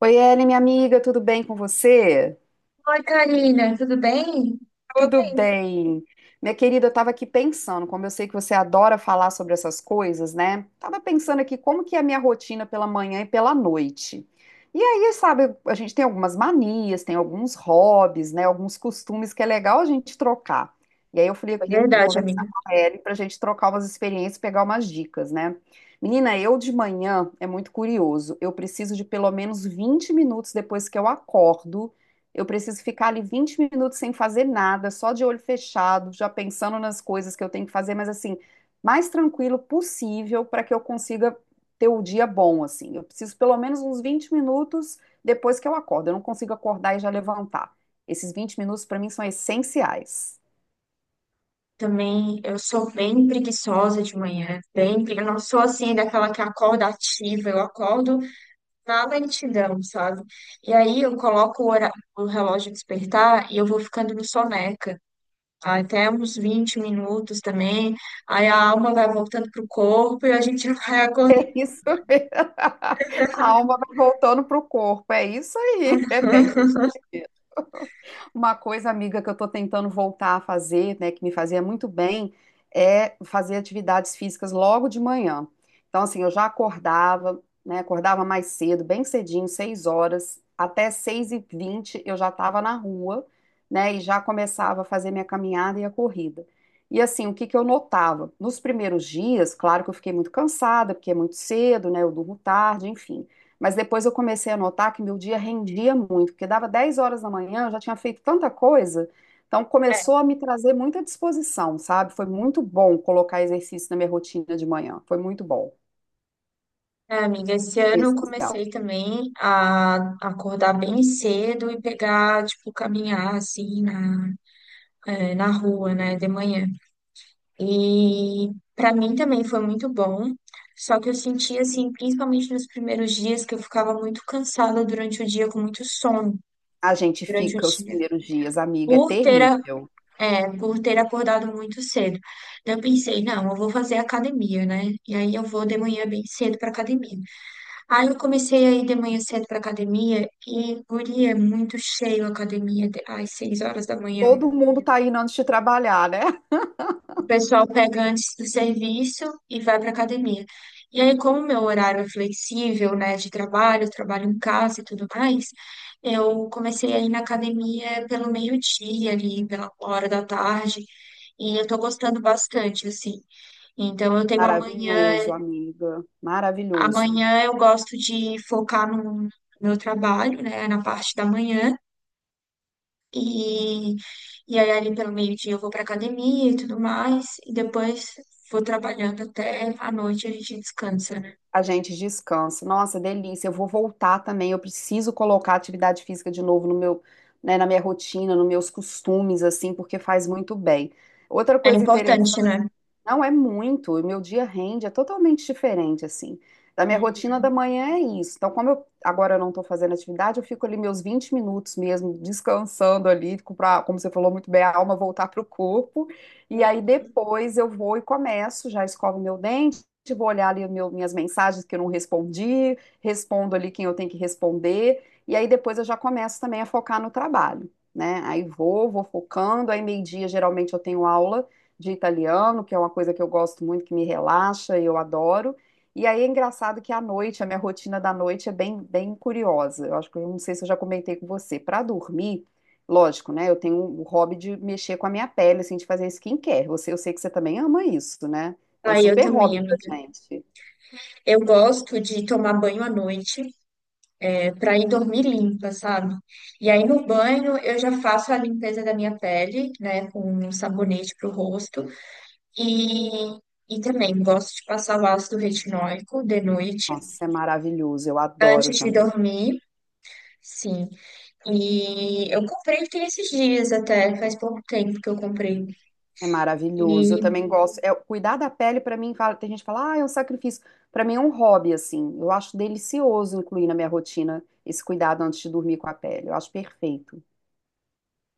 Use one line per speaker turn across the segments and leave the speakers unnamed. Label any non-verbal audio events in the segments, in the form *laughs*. Oi, Ellen, minha amiga, tudo bem com você?
Oi, Karina, tudo bem? Tô
Tudo
bem.
bem. Minha querida, eu estava aqui pensando, como eu sei que você adora falar sobre essas coisas, né? Tava pensando aqui como que é a minha rotina pela manhã e pela noite. E aí, sabe, a gente tem algumas manias, tem alguns hobbies, né? Alguns costumes que é legal a gente trocar. E aí eu falei, eu
É
queria
verdade,
conversar
amiga.
com a Ellen para a gente trocar umas experiências, pegar umas dicas, né? Menina, eu de manhã é muito curioso. Eu preciso de pelo menos 20 minutos depois que eu acordo. Eu preciso ficar ali 20 minutos sem fazer nada, só de olho fechado, já pensando nas coisas que eu tenho que fazer, mas assim, mais tranquilo possível para que eu consiga ter o dia bom, assim. Eu preciso pelo menos uns 20 minutos depois que eu acordo. Eu não consigo acordar e já levantar. Esses 20 minutos para mim são essenciais. *laughs*
Também eu sou bem preguiçosa de manhã, eu não sou assim daquela que acorda ativa, eu acordo na lentidão, sabe? E aí eu coloco o relógio despertar e eu vou ficando no soneca, tá? Até uns 20 minutos também. Aí a alma vai voltando pro corpo e a gente *laughs* vai acordando.
É isso mesmo. *laughs* A alma vai voltando pro corpo. É isso aí. É bem isso. Uma coisa, amiga, que eu estou tentando voltar a fazer, né, que me fazia muito bem, é fazer atividades físicas logo de manhã. Então, assim, eu já acordava, né, acordava mais cedo, bem cedinho, 6h, até 6h20 eu já estava na rua, né, e já começava a fazer minha caminhada e a corrida. E assim, o que que eu notava? Nos primeiros dias, claro que eu fiquei muito cansada, porque é muito cedo, né, eu durmo tarde, enfim. Mas depois eu comecei a notar que meu dia rendia muito, porque dava 10h da manhã, eu já tinha feito tanta coisa, então começou a me trazer muita disposição, sabe? Foi muito bom colocar exercício na minha rotina de manhã, foi muito bom,
É, amiga, esse
foi
ano eu
essencial.
comecei também a acordar bem cedo e pegar, tipo, caminhar assim é, na rua, né, de manhã. E pra mim também foi muito bom, só que eu senti assim, principalmente nos primeiros dias, que eu ficava muito cansada durante o dia, com muito sono
A gente
durante o
fica os
dia.
primeiros dias, amiga, é
Por ter, a-
terrível.
é, por ter acordado muito cedo. Então, eu pensei, não, eu vou fazer academia, né? E aí eu vou de manhã bem cedo para academia. Aí eu comecei a ir de manhã cedo pra academia e, guria, é muito cheio a às 6 horas da manhã.
Todo mundo tá indo antes de trabalhar, né? *laughs*
O pessoal pega antes do serviço e vai pra academia. E aí, como meu horário é flexível, né, de trabalho, eu trabalho em casa e tudo mais, eu comecei a ir na academia pelo meio-dia ali, pela hora da tarde, e eu tô gostando bastante, assim. Então,
Maravilhoso, amiga, maravilhoso.
amanhã eu gosto de focar no meu trabalho, né, na parte da manhã. E, e aí, ali pelo meio-dia, eu vou para academia e tudo mais. E depois vou trabalhando até a noite a gente descansa, né?
A gente descansa. Nossa, delícia. Eu vou voltar também. Eu preciso colocar atividade física de novo no meu, né, na minha rotina, nos meus costumes, assim, porque faz muito bem. Outra
É
coisa
importante, né?
não é muito, o meu dia rende, é totalmente diferente, assim. Da minha rotina
Uhum.
da manhã é isso. Então, como eu agora eu não estou fazendo atividade, eu fico ali meus 20 minutos mesmo, descansando ali, pra, como você falou muito bem, a alma voltar para o corpo. E aí depois eu vou e começo, já escovo meu dente, vou olhar ali minhas mensagens que eu não respondi, respondo ali quem eu tenho que responder. E aí depois eu já começo também a focar no trabalho, né? Aí vou focando, aí meio-dia geralmente eu tenho aula de italiano, que é uma coisa que eu gosto muito, que me relaxa e eu adoro. E aí é engraçado que à noite, a minha rotina da noite é bem, bem curiosa. Eu acho que eu não sei se eu já comentei com você. Para dormir, lógico, né? Eu tenho o hobby de mexer com a minha pele, assim, de fazer skincare. Você, eu sei que você também ama isso, né? É um
Aí eu
super
também,
hobby pra
amiga.
gente.
Eu gosto de tomar banho à noite, é, para ir dormir limpa, sabe? E aí no banho eu já faço a limpeza da minha pele, né, com um sabonete pro rosto. E, e também gosto de passar o ácido retinóico de noite,
Nossa, é maravilhoso. Eu adoro
antes de
também.
dormir. Sim. E eu comprei tem esses dias até, faz pouco tempo que eu comprei.
É maravilhoso. Eu
E,
também gosto. É, cuidar da pele, pra mim, fala, tem gente que fala, ah, é um sacrifício. Pra mim é um hobby, assim. Eu acho delicioso incluir na minha rotina esse cuidado antes de dormir com a pele. Eu acho perfeito.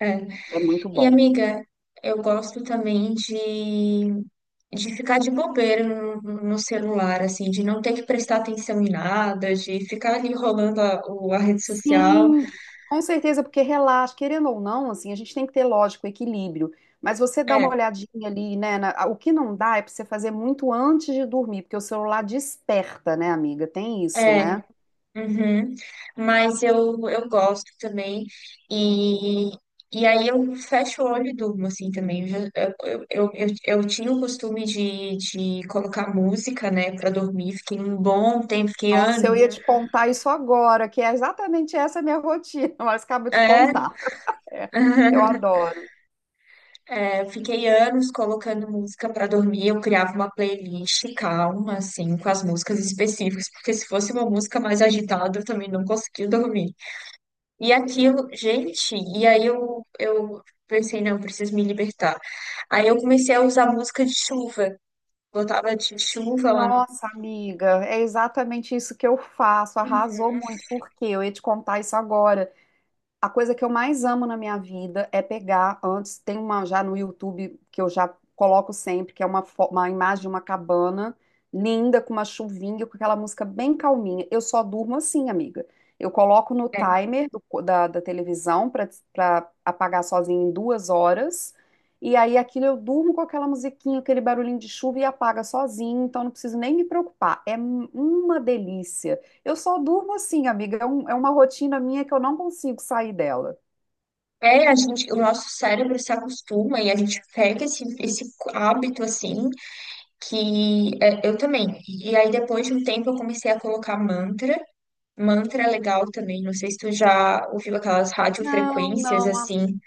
é.
É muito
E
bom.
amiga, eu gosto também de ficar de bobeira no celular, assim, de não ter que prestar atenção em nada, de ficar ali rolando a rede social.
Sim. Com certeza, porque relaxa, querendo ou não, assim, a gente tem que ter, lógico, equilíbrio. Mas você dá uma
É,
olhadinha ali, né? Na- o que não dá é pra você fazer muito antes de dormir, porque o celular desperta, né, amiga? Tem isso,
é.
né?
Uhum. Mas eu gosto também. E, e aí eu fecho o olho e durmo, assim, também. Eu tinha o costume de colocar música, né, pra dormir. Fiquei um bom tempo, fiquei
Nossa, eu
anos.
ia te contar isso agora, que é exatamente essa a minha rotina, *laughs* mas acabo de
É,
contar. É, eu
*laughs*
adoro.
É, eu fiquei anos colocando música pra dormir. Eu criava uma playlist calma, assim, com as músicas específicas, porque se fosse uma música mais agitada, eu também não conseguia dormir. E aquilo, gente, e aí eu pensei, não, eu preciso me libertar. Aí eu comecei a usar música de chuva. Botava de chuva lá no.
Nossa, amiga, é exatamente isso que eu faço. Arrasou
Uhum.
muito, porque eu ia te contar isso agora. A coisa que eu mais amo na minha vida é pegar antes, tem uma já no YouTube que eu já coloco sempre, que é uma, uma imagem de uma cabana linda com uma chuvinha, com aquela música bem calminha. Eu só durmo assim, amiga. Eu coloco no
É,
timer da televisão para apagar sozinho em 2 horas. E aí aquilo eu durmo com aquela musiquinha, aquele barulhinho de chuva e apaga sozinho, então não preciso nem me preocupar. É uma delícia. Eu só durmo assim, amiga. É, é uma rotina minha que eu não consigo sair dela.
é, a gente, o nosso cérebro se acostuma e a gente pega esse hábito assim, que é, eu também. E aí depois de um tempo eu comecei a colocar mantra. Mantra é legal também, não sei se tu já ouviu aquelas
Não,
radiofrequências
não.
assim.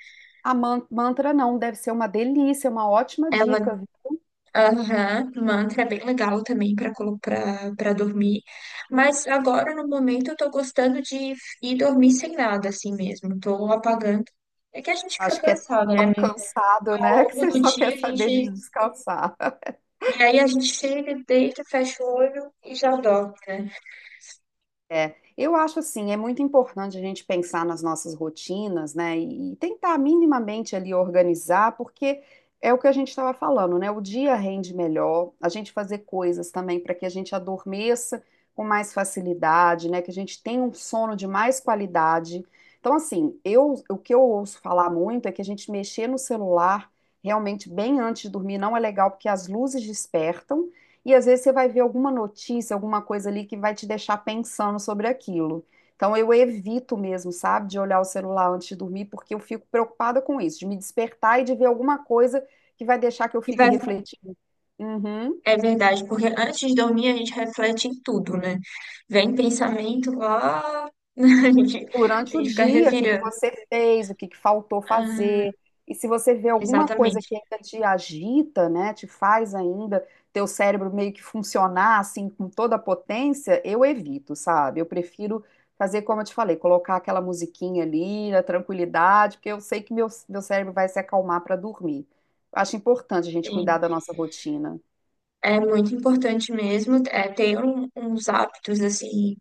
Mantra não, deve ser uma delícia, uma ótima
É uma.
dica, viu?
Aham, um mantra é bem legal também para dormir. Mas agora, no momento, eu tô gostando de ir dormir sem nada, assim mesmo. Tô apagando. É que a gente fica
Acho que é
cansado, né,
tão
amigo?
cansado,
Ao
né? *laughs* Que
longo
você
do
só
dia,
quer
a
saber de
gente.
descansar.
E aí a gente chega, deita, fecha o olho e já dorme, né?
É, eu acho assim, é muito importante a gente pensar nas nossas rotinas, né, e tentar minimamente ali organizar, porque é o que a gente estava falando, né, o dia rende melhor, a gente fazer coisas também para que a gente adormeça com mais facilidade, né, que a gente tenha um sono de mais qualidade. Então, assim, o que eu ouço falar muito é que a gente mexer no celular realmente bem antes de dormir não é legal, porque as luzes despertam, e às vezes você vai ver alguma notícia, alguma coisa ali que vai te deixar pensando sobre aquilo. Então eu evito mesmo, sabe, de olhar o celular antes de dormir, porque eu fico preocupada com isso, de me despertar e de ver alguma coisa que vai deixar que eu
E
fique
vai...
refletindo. Uhum.
É verdade, porque antes de dormir, a gente reflete em tudo, né? Vem pensamento lá, *laughs* a gente, a
Durante o
gente fica
dia, o que que
revirando.
você fez, o que que faltou
Ah,
fazer. E se você vê alguma coisa
exatamente.
que ainda te agita, né, te faz ainda teu cérebro meio que funcionar assim com toda a potência, eu evito, sabe? Eu prefiro fazer como eu te falei, colocar aquela musiquinha ali na tranquilidade, porque eu sei que meu cérebro vai se acalmar para dormir. Acho importante a gente cuidar da nossa rotina.
É muito importante mesmo é, ter um- uns hábitos assim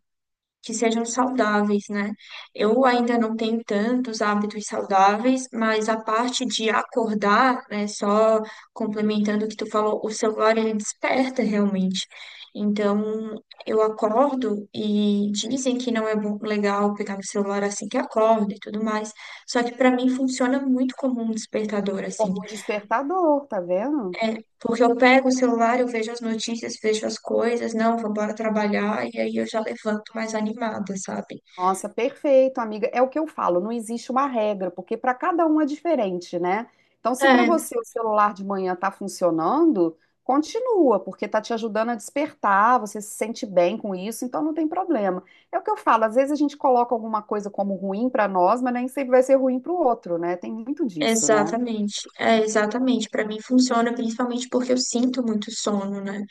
que sejam saudáveis, né? Eu ainda não tenho tantos hábitos saudáveis, mas a parte de acordar, né, só complementando o que tu falou, o celular ele desperta realmente. Então, eu acordo e dizem que não é bom, legal pegar no celular assim que acorda e tudo mais. Só que para mim funciona muito como um despertador assim.
Como um despertador, tá vendo?
É, porque eu pego o celular, eu vejo as notícias, vejo as coisas, não, vou embora trabalhar, e aí eu já levanto mais animada, sabe?
Nossa, perfeito, amiga. É o que eu falo, não existe uma regra, porque para cada um é diferente, né? Então, se para
É,
você o celular de manhã tá funcionando, continua, porque tá te ajudando a despertar, você se sente bem com isso, então não tem problema. É o que eu falo, às vezes a gente coloca alguma coisa como ruim para nós, mas nem sempre vai ser ruim para o outro, né? Tem muito disso, né?
exatamente. É, exatamente. Pra mim funciona principalmente porque eu sinto muito sono, né?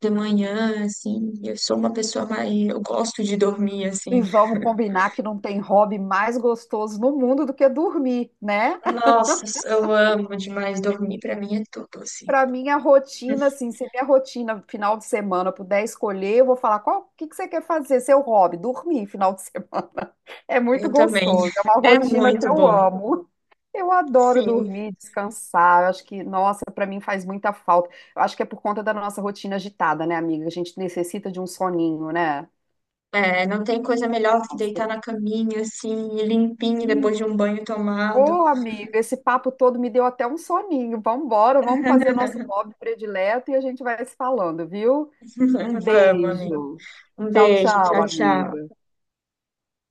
De manhã, assim, eu sou uma pessoa mais. Eu gosto de dormir, assim.
E vamos combinar que não tem hobby mais gostoso no mundo do que dormir, né?
Nossa, eu amo demais dormir, pra mim é tudo, assim.
Para minha rotina, assim, se minha rotina final de semana eu puder escolher, eu vou falar qual, o que que você quer fazer, seu hobby, dormir final de semana. *laughs* É muito
Eu também.
gostoso, é uma
É
rotina que
muito
eu
bom.
amo. Eu adoro
Sim.
dormir, descansar. Eu acho que, nossa, para mim faz muita falta. Eu acho que é por conta da nossa rotina agitada, né, amiga? A gente necessita de um soninho, né?
É, não tem coisa melhor do que deitar na caminha, assim, limpinho, depois de um banho tomado.
Ô, amigo, esse papo todo me deu até um soninho. Vambora, vamos fazer nosso hobby predileto e a gente vai se falando, viu? Um
*laughs* Vamos, amigo.
beijo.
Um
Tchau,
beijo,
tchau,
tchau, tchau.
amiga.